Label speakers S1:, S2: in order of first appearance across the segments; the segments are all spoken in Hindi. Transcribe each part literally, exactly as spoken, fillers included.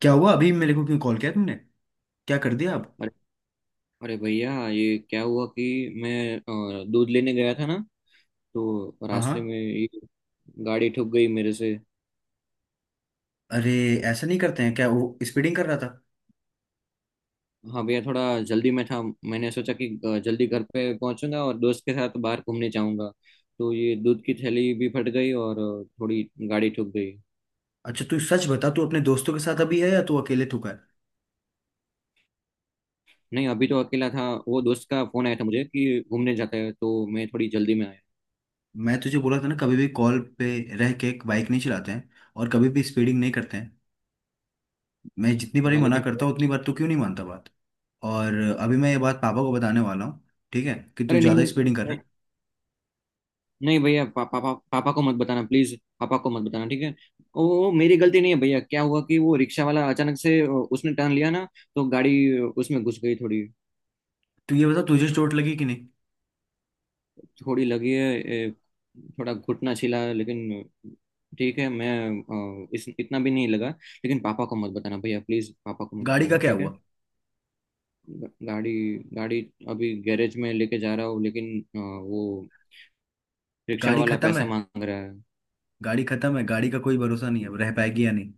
S1: क्या हुआ? अभी मेरे को क्यों कॉल किया तुमने? क्या कर दिया आप?
S2: अरे, अरे भैया, ये क्या हुआ कि मैं अ, दूध लेने गया था ना। तो
S1: हाँ,
S2: रास्ते
S1: हाँ।
S2: में ये गाड़ी ठुक गई मेरे से।
S1: अरे, ऐसा नहीं करते हैं। क्या वो स्पीडिंग कर रहा था?
S2: हाँ भैया, थोड़ा जल्दी में था। मैंने सोचा कि अ, जल्दी घर पे पहुंचूंगा और दोस्त के साथ बाहर घूमने जाऊंगा। तो ये दूध की थैली भी फट गई और अ, थोड़ी गाड़ी ठुक गई।
S1: अच्छा, तू सच बता। तू अपने दोस्तों के साथ अभी है या तू अकेले थूका है?
S2: नहीं, अभी तो अकेला था। वो दोस्त का फोन आया था मुझे कि घूमने जाता है, तो मैं थोड़ी जल्दी में आया।
S1: मैं तुझे बोला था ना, कभी भी कॉल पे रह के बाइक नहीं चलाते हैं और कभी भी स्पीडिंग नहीं करते हैं। मैं जितनी बार ही
S2: हाँ,
S1: मना
S2: लेकिन।
S1: करता हूँ उतनी बार तू क्यों नहीं मानता बात? और अभी मैं ये बात पापा को बताने वाला हूँ, ठीक है, कि तू
S2: अरे,
S1: ज़्यादा
S2: नहीं,
S1: स्पीडिंग कर रहा
S2: नहीं।
S1: है।
S2: नहीं भैया, पा, पापा, पापा को मत बताना। प्लीज पापा को मत बताना, ठीक है। वो वो मेरी गलती नहीं है भैया। क्या हुआ कि वो रिक्शा वाला अचानक से अ, उसने टर्न लिया ना। तो गाड़ी अ, उसमें घुस गई थोड़ी।
S1: तू ये बता, तुझे चोट लगी कि नहीं?
S2: थोड़ी लगी है ए, थोड़ा घुटना छिला है, लेकिन ठीक है। मैं अ, इस इतना भी नहीं लगा, लेकिन पापा को मत बताना भैया। प्लीज पापा को मत
S1: गाड़ी का
S2: बताना,
S1: क्या
S2: ठीक है।
S1: हुआ?
S2: ग- गाड़ी गाड़ी अभी गैरेज में लेके जा रहा हूँ, लेकिन अ, वो रिक्शा
S1: गाड़ी
S2: वाला
S1: खत्म
S2: पैसा
S1: है।
S2: मांग रहा है।
S1: गाड़ी खत्म है। गाड़ी का कोई भरोसा नहीं है, रह पाएगी या नहीं।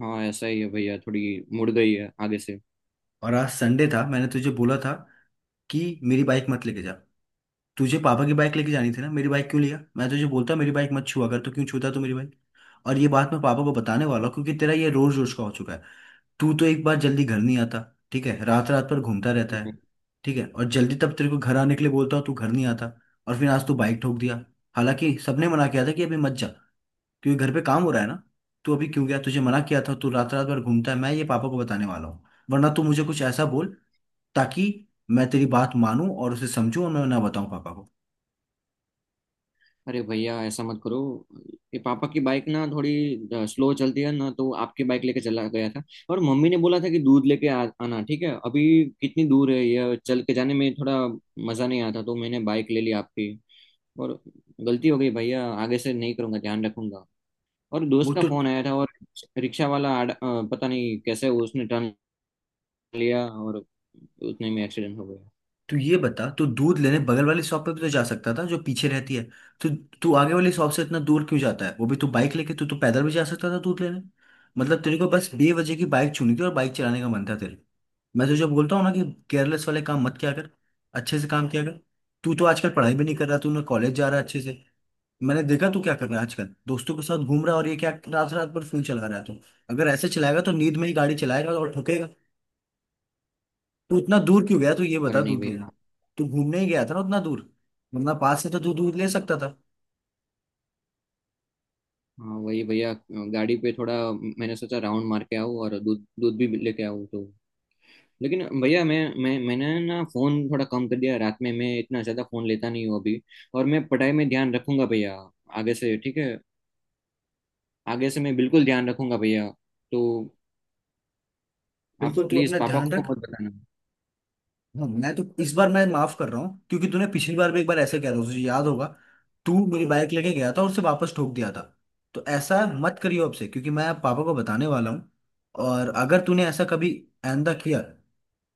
S2: हाँ, ऐसा ही है भैया, थोड़ी मुड़ गई है आगे से।
S1: और आज संडे था, मैंने तुझे बोला था कि मेरी बाइक मत लेके जा। तुझे पापा की बाइक लेके जानी थी ना, मेरी बाइक क्यों लिया? मैं तुझे बोलता मेरी बाइक मत छुआ कर, तो क्यों छूता तू मेरी बाइक? और ये बात मैं पापा को बताने वाला हूँ क्योंकि तेरा ये रोज रोज का हो चुका है। तू तो एक बार जल्दी घर नहीं आता, ठीक है। रात रात पर घूमता रहता है,
S2: हम्म।
S1: ठीक है। और जल्दी तब तेरे को घर आने के लिए बोलता हूँ तू घर नहीं आता। और फिर आज तू बाइक ठोक दिया। हालांकि सबने मना किया था कि अभी मत जा, क्योंकि घर पे काम हो रहा है ना। तू अभी क्यों गया? तुझे मना किया था। तू रात रात भर घूमता है। मैं ये पापा को बताने वाला हूँ। वरना तू मुझे कुछ ऐसा बोल ताकि मैं तेरी बात मानूं और उसे समझूं और मैं ना बताऊं पापा को।
S2: अरे भैया, ऐसा मत करो। ये पापा की बाइक ना थोड़ी स्लो चलती है ना, तो आपकी बाइक लेके चला गया था। और मम्मी ने बोला था कि दूध लेके आ, आना, ठीक है अभी। कितनी दूर है, ये चल के जाने में थोड़ा मजा नहीं आता, तो मैंने बाइक ले ली आपकी। और गलती हो गई भैया, आगे से नहीं करूंगा, ध्यान रखूंगा। और
S1: वो
S2: दोस्त का
S1: तो।
S2: फोन आया था, और रिक्शा वाला आड़- अ, पता नहीं कैसे उसने टर्न लिया और उतने में एक्सीडेंट हो गया।
S1: तू ये बता, तू दूध लेने बगल वाली शॉप पे भी तो जा सकता था जो पीछे रहती है। तू तू आगे वाली शॉप से इतना दूर क्यों जाता है? वो भी तू बाइक लेके। तू तो पैदल भी जा सकता था दूध लेने। मतलब तेरे को बस बेवजह की बाइक चुनी थी और बाइक चलाने का मन था तेरे। मैं तुझे बोलता हूँ ना कि केयरलेस वाले काम मत किया कर, अच्छे से काम किया कर। तू तो आजकल पढ़ाई भी नहीं कर रहा। तू ना कॉलेज जा रहा है अच्छे से। मैंने देखा तू क्या कर रहा है आजकल। दोस्तों के साथ घूम रहा है और ये क्या रात रात भर फोन चला रहा है तू? अगर ऐसे चलाएगा तो नींद में ही गाड़ी चलाएगा और ठोकेगा। तू इतना दूर क्यों गया? तू ये बता।
S2: अरे नहीं
S1: दूध लेने
S2: भैया।
S1: तू घूमने ही गया था ना, उतना दूर? वरना पास से तो तू दूध ले सकता था।
S2: हाँ, वही भैया, गाड़ी पे थोड़ा मैंने सोचा राउंड मार के आऊँ और दूध दूध भी लेके आऊँ तो। लेकिन भैया, मैं मैं मैंने ना फोन थोड़ा कम कर दिया। रात में मैं इतना ज्यादा फोन लेता नहीं हूँ अभी। और मैं पढ़ाई में ध्यान रखूंगा भैया, आगे से ठीक है। आगे से मैं बिल्कुल ध्यान रखूंगा भैया, तो आप
S1: बिल्कुल, तू
S2: प्लीज
S1: अपना
S2: पापा
S1: ध्यान
S2: को
S1: रख।
S2: मत बताना।
S1: हाँ, मैं तो इस बार मैं माफ कर रहा हूँ क्योंकि तूने पिछली बार भी एक बार ऐसे कह रहा था, तुझे याद होगा। तू मेरी बाइक लेके गया था और उसे वापस ठोक दिया था। तो ऐसा मत करियो अब से क्योंकि मैं पापा को बताने वाला हूँ। और अगर तूने ऐसा कभी आइंदा किया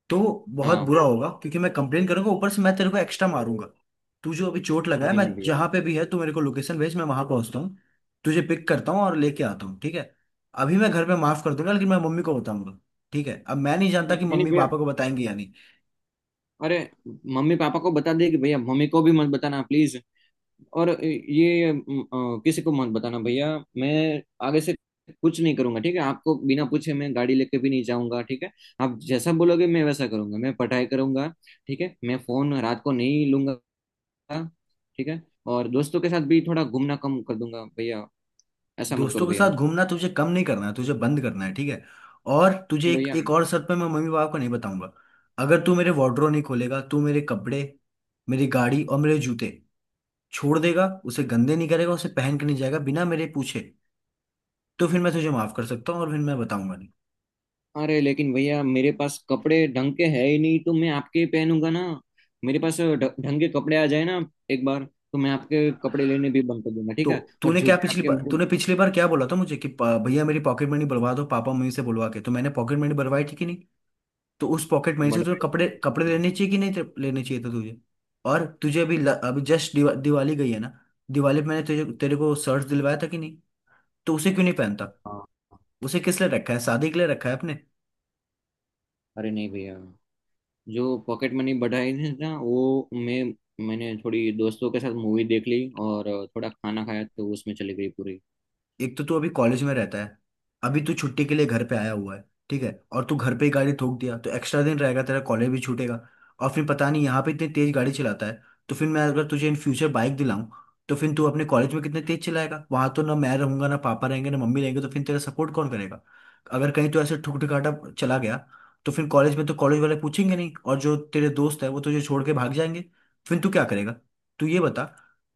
S1: तो बहुत
S2: हाँ,
S1: बुरा होगा, क्योंकि मैं कंप्लेन करूंगा, ऊपर से मैं तेरे को एक्स्ट्रा मारूंगा। तू जो अभी चोट लगा है,
S2: नहीं,
S1: मैं
S2: नहीं भैया।
S1: जहां पे भी है तू, मेरे को लोकेशन भेज, मैं वहां पहुंचता हूँ, तुझे पिक करता हूँ और लेके आता हूँ, ठीक है। अभी मैं घर में माफ कर दूंगा लेकिन मैं मम्मी को बताऊंगा, ठीक है। अब मैं नहीं जानता कि
S2: नहीं, नहीं
S1: मम्मी
S2: भैया,
S1: पापा को बताएंगे या नहीं।
S2: अरे, मम्मी पापा को बता दे कि भैया मम्मी को भी मत बताना, प्लीज। और ये अम, अ, किसी को मत बताना भैया। मैं आगे से कुछ नहीं करूंगा, ठीक है। आपको बिना पूछे मैं गाड़ी लेके भी नहीं जाऊंगा, ठीक है। आप जैसा बोलोगे मैं वैसा करूंगा, मैं पढ़ाई करूंगा, ठीक है। मैं फोन रात को नहीं लूंगा, ठीक है। और दोस्तों के साथ भी थोड़ा घूमना कम कर दूंगा भैया। ऐसा मत
S1: दोस्तों
S2: करो
S1: के साथ
S2: भैया।
S1: घूमना तुझे कम नहीं करना है, तुझे बंद करना है, ठीक है। और तुझे एक
S2: भैया,
S1: एक और शर्त पे मैं मम्मी पापा को नहीं बताऊंगा। अगर तू मेरे वार्डरोब नहीं खोलेगा, तू मेरे कपड़े, मेरी गाड़ी और मेरे जूते छोड़ देगा, उसे गंदे नहीं करेगा, उसे पहन के नहीं जाएगा बिना मेरे पूछे, तो फिर मैं तुझे माफ कर सकता हूँ और फिर मैं बताऊंगा नहीं।
S2: अरे, लेकिन भैया मेरे पास कपड़े ढंग के है ही नहीं, तो मैं आपके ही पहनूंगा ना। मेरे पास ढ- ढंग के कपड़े आ जाए ना एक बार, तो मैं आपके कपड़े लेने भी बंद कर दूंगा, ठीक
S1: तो
S2: है। और
S1: तूने क्या
S2: जूते
S1: पिछली
S2: आपके
S1: बार
S2: मुंह
S1: तूने पिछली बार क्या बोला था मुझे कि "पा- भैया मेरी पॉकेट मनी बढ़वा दो पापा मम्मी से बुलवा के, तो मैंने पॉकेट मनी बढ़वाई थी कि नहीं? तो उस पॉकेट मनी से
S2: बड़ा।
S1: तुझे कपड़े कपड़े
S2: हाँ।
S1: लेने चाहिए कि नहीं, ते- लेने चाहिए थे तुझे। और तुझे अभी ल- अभी जस्ट दिवा, दिवाली गई है ना। दिवाली पे मैंने तुझे तेरे को शर्ट दिलवाया था कि नहीं? तो उसे क्यों नहीं पहनता?
S2: हाँ।
S1: उसे किस लिए रखा है? शादी के लिए रखा है अपने?
S2: अरे नहीं भैया, जो पॉकेट मनी बढ़ाई थी ना, वो मैं मैंने थोड़ी दोस्तों के साथ मूवी देख ली और थोड़ा खाना खाया, तो उसमें चली गई पूरी।
S1: एक तो तू अभी कॉलेज में रहता है, अभी तू छुट्टी के लिए घर पे आया हुआ है, ठीक है, और तू घर पे ही गाड़ी ठोक दिया तो एक्स्ट्रा दिन रहेगा, तेरा कॉलेज भी छूटेगा। और फिर पता नहीं, यहाँ पे इतनी तेज गाड़ी चलाता है, तो फिर मैं अगर तुझे इन फ्यूचर बाइक दिलाऊं, तो फिर तू अपने कॉलेज में कितने तेज चलाएगा? वहां तो ना मैं रहूंगा, ना पापा रहेंगे, ना मम्मी रहेंगे, तो फिर तेरा सपोर्ट कौन करेगा? अगर कहीं तो ऐसे ठुक ठुकाटा चला गया तो फिर कॉलेज में तो कॉलेज वाले पूछेंगे नहीं, और जो तेरे दोस्त है वो तुझे छोड़ के भाग जाएंगे। फिर तू क्या करेगा? तू ये बता।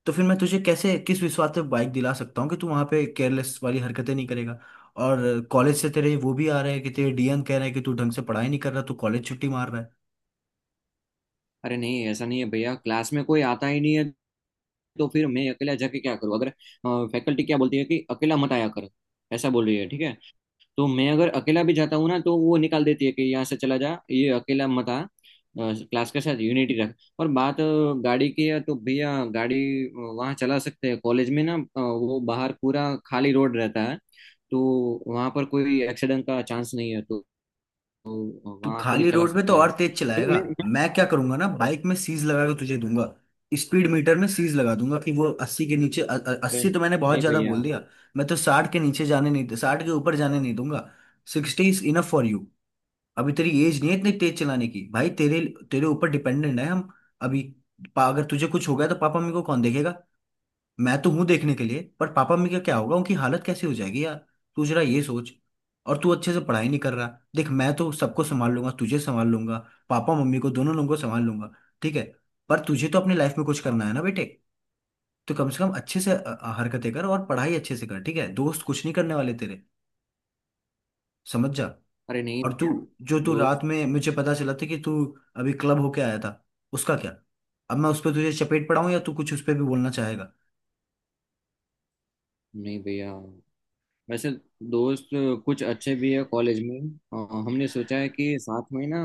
S1: तो फिर मैं तुझे कैसे, किस विश्वास पे बाइक दिला सकता हूँ कि तू वहां पे केयरलेस वाली हरकतें नहीं करेगा? और कॉलेज से तेरे वो भी आ रहे हैं कि तेरे डी एम कह रहे हैं कि तू ढंग से पढ़ाई नहीं कर रहा, तू कॉलेज छुट्टी मार रहा है।
S2: अरे नहीं, ऐसा नहीं है भैया। क्लास में कोई आता ही नहीं है, तो फिर मैं अकेला जाके क्या करूँ? अगर फैकल्टी क्या बोलती है कि अकेला मत आया कर, ऐसा बोल रही है, ठीक है। तो मैं अगर अकेला भी जाता हूँ ना, तो वो निकाल देती है कि यहाँ से चला जा, ये अकेला मत आ, क्लास के साथ यूनिटी रख। और बात अ, गाड़ी की है, तो भैया गाड़ी वहाँ चला सकते हैं कॉलेज में ना। अ, वो बाहर पूरा खाली रोड रहता है, तो वहाँ पर कोई एक्सीडेंट का चांस नहीं है, तो
S1: तू
S2: वहाँ थोड़ी
S1: खाली
S2: चला
S1: रोड में तो
S2: सकते हैं।
S1: और तेज
S2: लेकिन
S1: चलाएगा।
S2: मैं-
S1: मैं क्या करूंगा ना, बाइक में सीज लगा के तुझे दूंगा। स्पीड मीटर में सीज लगा दूंगा कि वो अस्सी के नीचे अ- अ-
S2: अरे
S1: अस्सी तो मैंने बहुत
S2: नहीं
S1: ज्यादा
S2: भैया।
S1: बोल दिया। मैं तो साठ के नीचे जाने नहीं, साठ के ऊपर जाने नहीं दूंगा। Sixty is enough for you. अभी तेरी एज नहीं है इतनी तेज चलाने की, भाई। तेरे तेरे ऊपर डिपेंडेंट है हम अभी। पा- अगर तुझे कुछ हो गया तो पापा मम्मी को कौन देखेगा? मैं तो हूं देखने के लिए, पर पापा मम्मी का क्या होगा? उनकी हालत कैसी हो जाएगी, यार? तू जरा ये सोच। और तू अच्छे से पढ़ाई नहीं कर रहा। देख, मैं तो सबको संभाल लूंगा, तुझे संभाल लूंगा, पापा मम्मी को दोनों लोगों को संभाल लूंगा, ठीक है। पर तुझे तो अपनी लाइफ में कुछ करना है ना, बेटे। तो कम से कम अच्छे से अ, अ, हरकतें कर और पढ़ाई अच्छे से कर, ठीक है। दोस्त कुछ नहीं करने वाले तेरे, समझ जा।
S2: अरे नहीं
S1: और तू
S2: भैया।
S1: जो तू रात
S2: दोस्त?
S1: में मुझे पता चला था कि तू अभी क्लब होके आया था, उसका क्या? अब मैं उस पर तुझे चपेट पड़ाऊं या तू कुछ उस पर भी बोलना चाहेगा?
S2: नहीं भैया, वैसे दोस्त कुछ अच्छे भी है कॉलेज में। अ, हमने सोचा है कि साथ में ना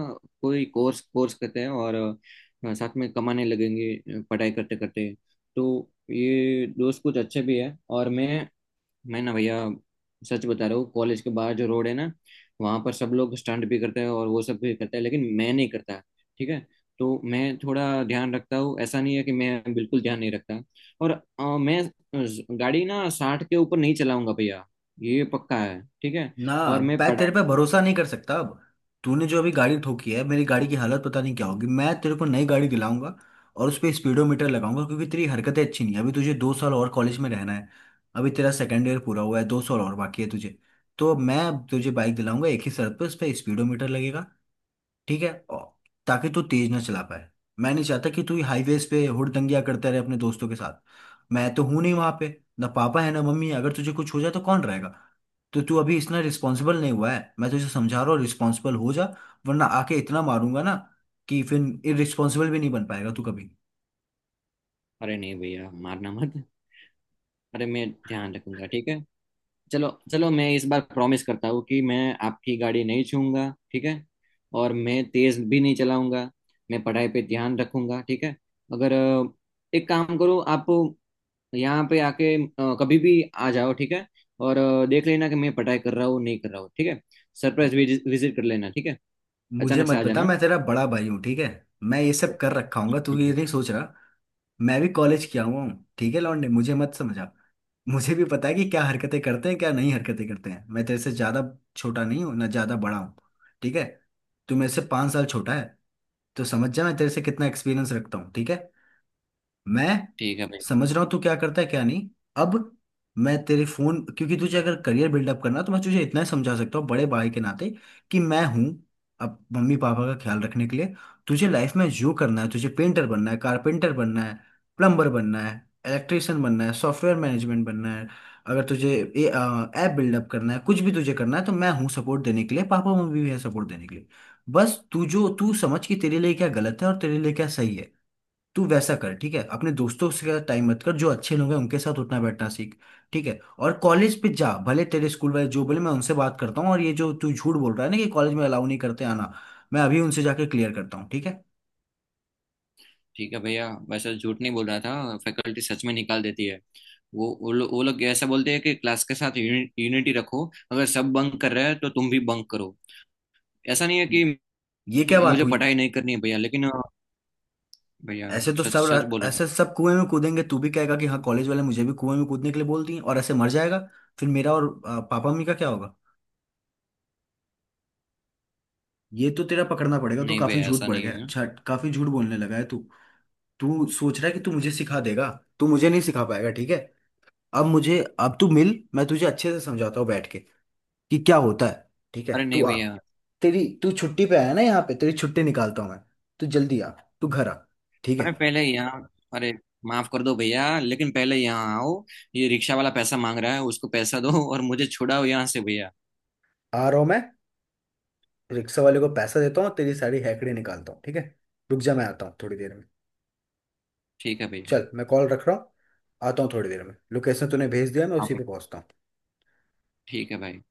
S2: कोई कोर्स कोर्स करते हैं और अ, साथ में कमाने लगेंगे अ, पढ़ाई करते करते। तो ये दोस्त कुछ अच्छे भी है। और मैं मैं ना भैया, सच बता रहा हूँ। कॉलेज के बाहर जो रोड है ना, वहां पर सब लोग स्टंट भी करते हैं और वो सब भी करते हैं, लेकिन मैं नहीं करता, ठीक है। तो मैं थोड़ा ध्यान रखता हूँ, ऐसा नहीं है कि मैं बिल्कुल ध्यान नहीं रखता। और अ, मैं ज- गाड़ी ना साठ के ऊपर नहीं चलाऊंगा भैया, ये पक्का है, ठीक है।
S1: ना,
S2: और मैं
S1: मैं तेरे पे
S2: पढ़ाई।
S1: भरोसा नहीं कर सकता अब। तूने जो अभी गाड़ी ठोकी है, मेरी गाड़ी की हालत पता नहीं क्या होगी। मैं तेरे को नई गाड़ी दिलाऊंगा और उस पर स्पीडोमीटर लगाऊंगा क्योंकि तेरी हरकतें अच्छी नहीं है। अभी तुझे दो साल और कॉलेज में रहना है, अभी तेरा सेकेंड ईयर पूरा हुआ है, दो साल और बाकी है तुझे। तो मैं अब तुझे बाइक दिलाऊंगा एक ही शर्त पे, उस पर स्पीडोमीटर लगेगा, ठीक है, और- ताकि तू तेज ना चला पाए। मैं नहीं चाहता कि तू हाईवेज पे हुड़दंगियां करता रहे अपने दोस्तों के साथ। मैं तो हूं नहीं वहां पे, ना पापा है, ना मम्मी है। अगर तुझे कुछ हो जाए तो कौन रहेगा? तो तू अभी इतना रिस्पॉन्सिबल नहीं हुआ है, मैं तुझे समझा रहा हूँ, रिस्पॉन्सिबल हो जा। वरना आके इतना मारूंगा ना कि फिर इरिस्पॉन्सिबल भी नहीं बन पाएगा तू कभी।
S2: अरे नहीं भैया, मारना मत। अरे, मैं ध्यान रखूंगा, ठीक है। चलो, चलो, मैं इस बार प्रॉमिस करता हूँ कि मैं आपकी गाड़ी नहीं छूऊंगा, ठीक है। और मैं तेज भी नहीं चलाऊंगा। मैं पढ़ाई पे ध्यान रखूंगा, ठीक है। अगर अ, एक काम करो आप, यहाँ पे आके अ, कभी भी आ जाओ, ठीक है। और अ, देख लेना कि मैं पढ़ाई कर रहा हूँ नहीं कर रहा हूँ, ठीक है। सरप्राइज विजिट कर लेना, ठीक है।
S1: मुझे
S2: अचानक से
S1: मत
S2: आ
S1: बता,
S2: जाना।
S1: मैं तेरा बड़ा भाई हूँ, ठीक है। मैं ये सब कर रखा
S2: हाँ,
S1: हूँ, तू
S2: ठीक
S1: ये
S2: है।
S1: नहीं सोच रहा। मैं भी कॉलेज किया हुआ हूँ, ठीक है लौंडे, मुझे मत समझा। मुझे भी पता है कि क्या हरकतें करते हैं क्या नहीं हरकतें करते हैं। मैं तेरे से ज्यादा छोटा नहीं हूँ, ना ज्यादा बड़ा हूँ, ठीक है। तू मेरे से पाँच साल छोटा है, तो समझ जा मैं तेरे से कितना एक्सपीरियंस रखता हूँ, ठीक है। मैं
S2: ठीक है भाई।
S1: समझ रहा हूँ तू क्या करता है क्या नहीं। अब मैं तेरे फोन क्योंकि तुझे अगर करियर बिल्डअप करना है, तो मैं तुझे इतना ही समझा सकता हूँ बड़े भाई के नाते कि मैं हूँ अब मम्मी पापा का ख्याल रखने के लिए। तुझे लाइफ में जो करना है, तुझे पेंटर बनना है, कारपेंटर बनना है, प्लम्बर बनना है, इलेक्ट्रिशियन बनना है, सॉफ्टवेयर मैनेजमेंट बनना है, अगर तुझे ऐप बिल्डअप करना है, कुछ भी तुझे करना है, तो मैं हूँ सपोर्ट देने के लिए, पापा मम्मी भी है सपोर्ट देने के लिए। बस तू जो तू समझ कि तेरे लिए क्या गलत है और तेरे लिए क्या सही है, तू वैसा कर, ठीक है। अपने दोस्तों से टाइम मत कर, जो अच्छे लोग हैं उनके साथ उठना बैठना सीख, ठीक है। और कॉलेज पे जा, भले तेरे स्कूल वाले जो बोले मैं उनसे बात करता हूँ। और ये जो तू झूठ बोल रहा है ना कि कॉलेज में अलाउ नहीं करते आना, मैं अभी उनसे जाके क्लियर करता हूँ, ठीक है।
S2: ठीक है भैया, वैसे तो झूठ नहीं बोल रहा था, फैकल्टी सच में निकाल देती है। वो वो लोग वो लोग ऐसा बोलते हैं कि क्लास के साथ यूनिटी रखो, अगर सब बंक कर रहे हैं तो तुम भी बंक करो। ऐसा नहीं है कि
S1: ये क्या बात
S2: मुझे
S1: हुई?
S2: पढ़ाई नहीं करनी है भैया, लेकिन अ, भैया
S1: ऐसे तो
S2: सच
S1: सब रा-
S2: सच बोल रहा
S1: ऐसे सब कुएं में कूदेंगे। तू भी कहेगा कि हाँ, कॉलेज वाले मुझे भी कुएं में कूदने के लिए बोल दिए, और ऐसे मर जाएगा। फिर मेरा और आ, पापा मम्मी का क्या होगा? ये तो तेरा पकड़ना पड़ेगा,
S2: हूं।
S1: तू
S2: नहीं
S1: काफी
S2: भैया,
S1: झूठ
S2: ऐसा
S1: पड़
S2: नहीं
S1: गया,
S2: है।
S1: अच्छा, काफी झूठ बोलने लगा है तू। तू सोच रहा है कि तू मुझे सिखा देगा। तू मुझे नहीं सिखा पाएगा, ठीक है। अब मुझे अब तू मिल, मैं तुझे अच्छे से समझाता हूँ बैठ के, कि क्या होता है, ठीक है।
S2: अरे नहीं
S1: तू आ।
S2: भैया,
S1: तेरी तू छुट्टी पे आया ना यहाँ पे, तेरी छुट्टी निकालता हूँ मैं। तू जल्दी आ, तू घर आ, ठीक
S2: अरे
S1: है।
S2: पहले यहाँ, अरे माफ कर दो भैया, लेकिन पहले यहाँ आओ। ये रिक्शा वाला पैसा मांग रहा है, उसको पैसा दो और मुझे छुड़ाओ यहाँ से भैया।
S1: आ रहा हूँ मैं। रिक्शा वाले को पैसा देता हूँ, तेरी सारी हैकड़ी निकालता हूँ, ठीक है। रुक जा, मैं आता हूँ थोड़ी देर में।
S2: ठीक है भैया।
S1: चल, मैं कॉल रख रहा हूँ। आता हूँ थोड़ी देर में। लोकेशन तूने भेज दिया, मैं
S2: हाँ
S1: उसी पे
S2: भाई।
S1: पहुँचता हूँ।
S2: ठीक है भाई।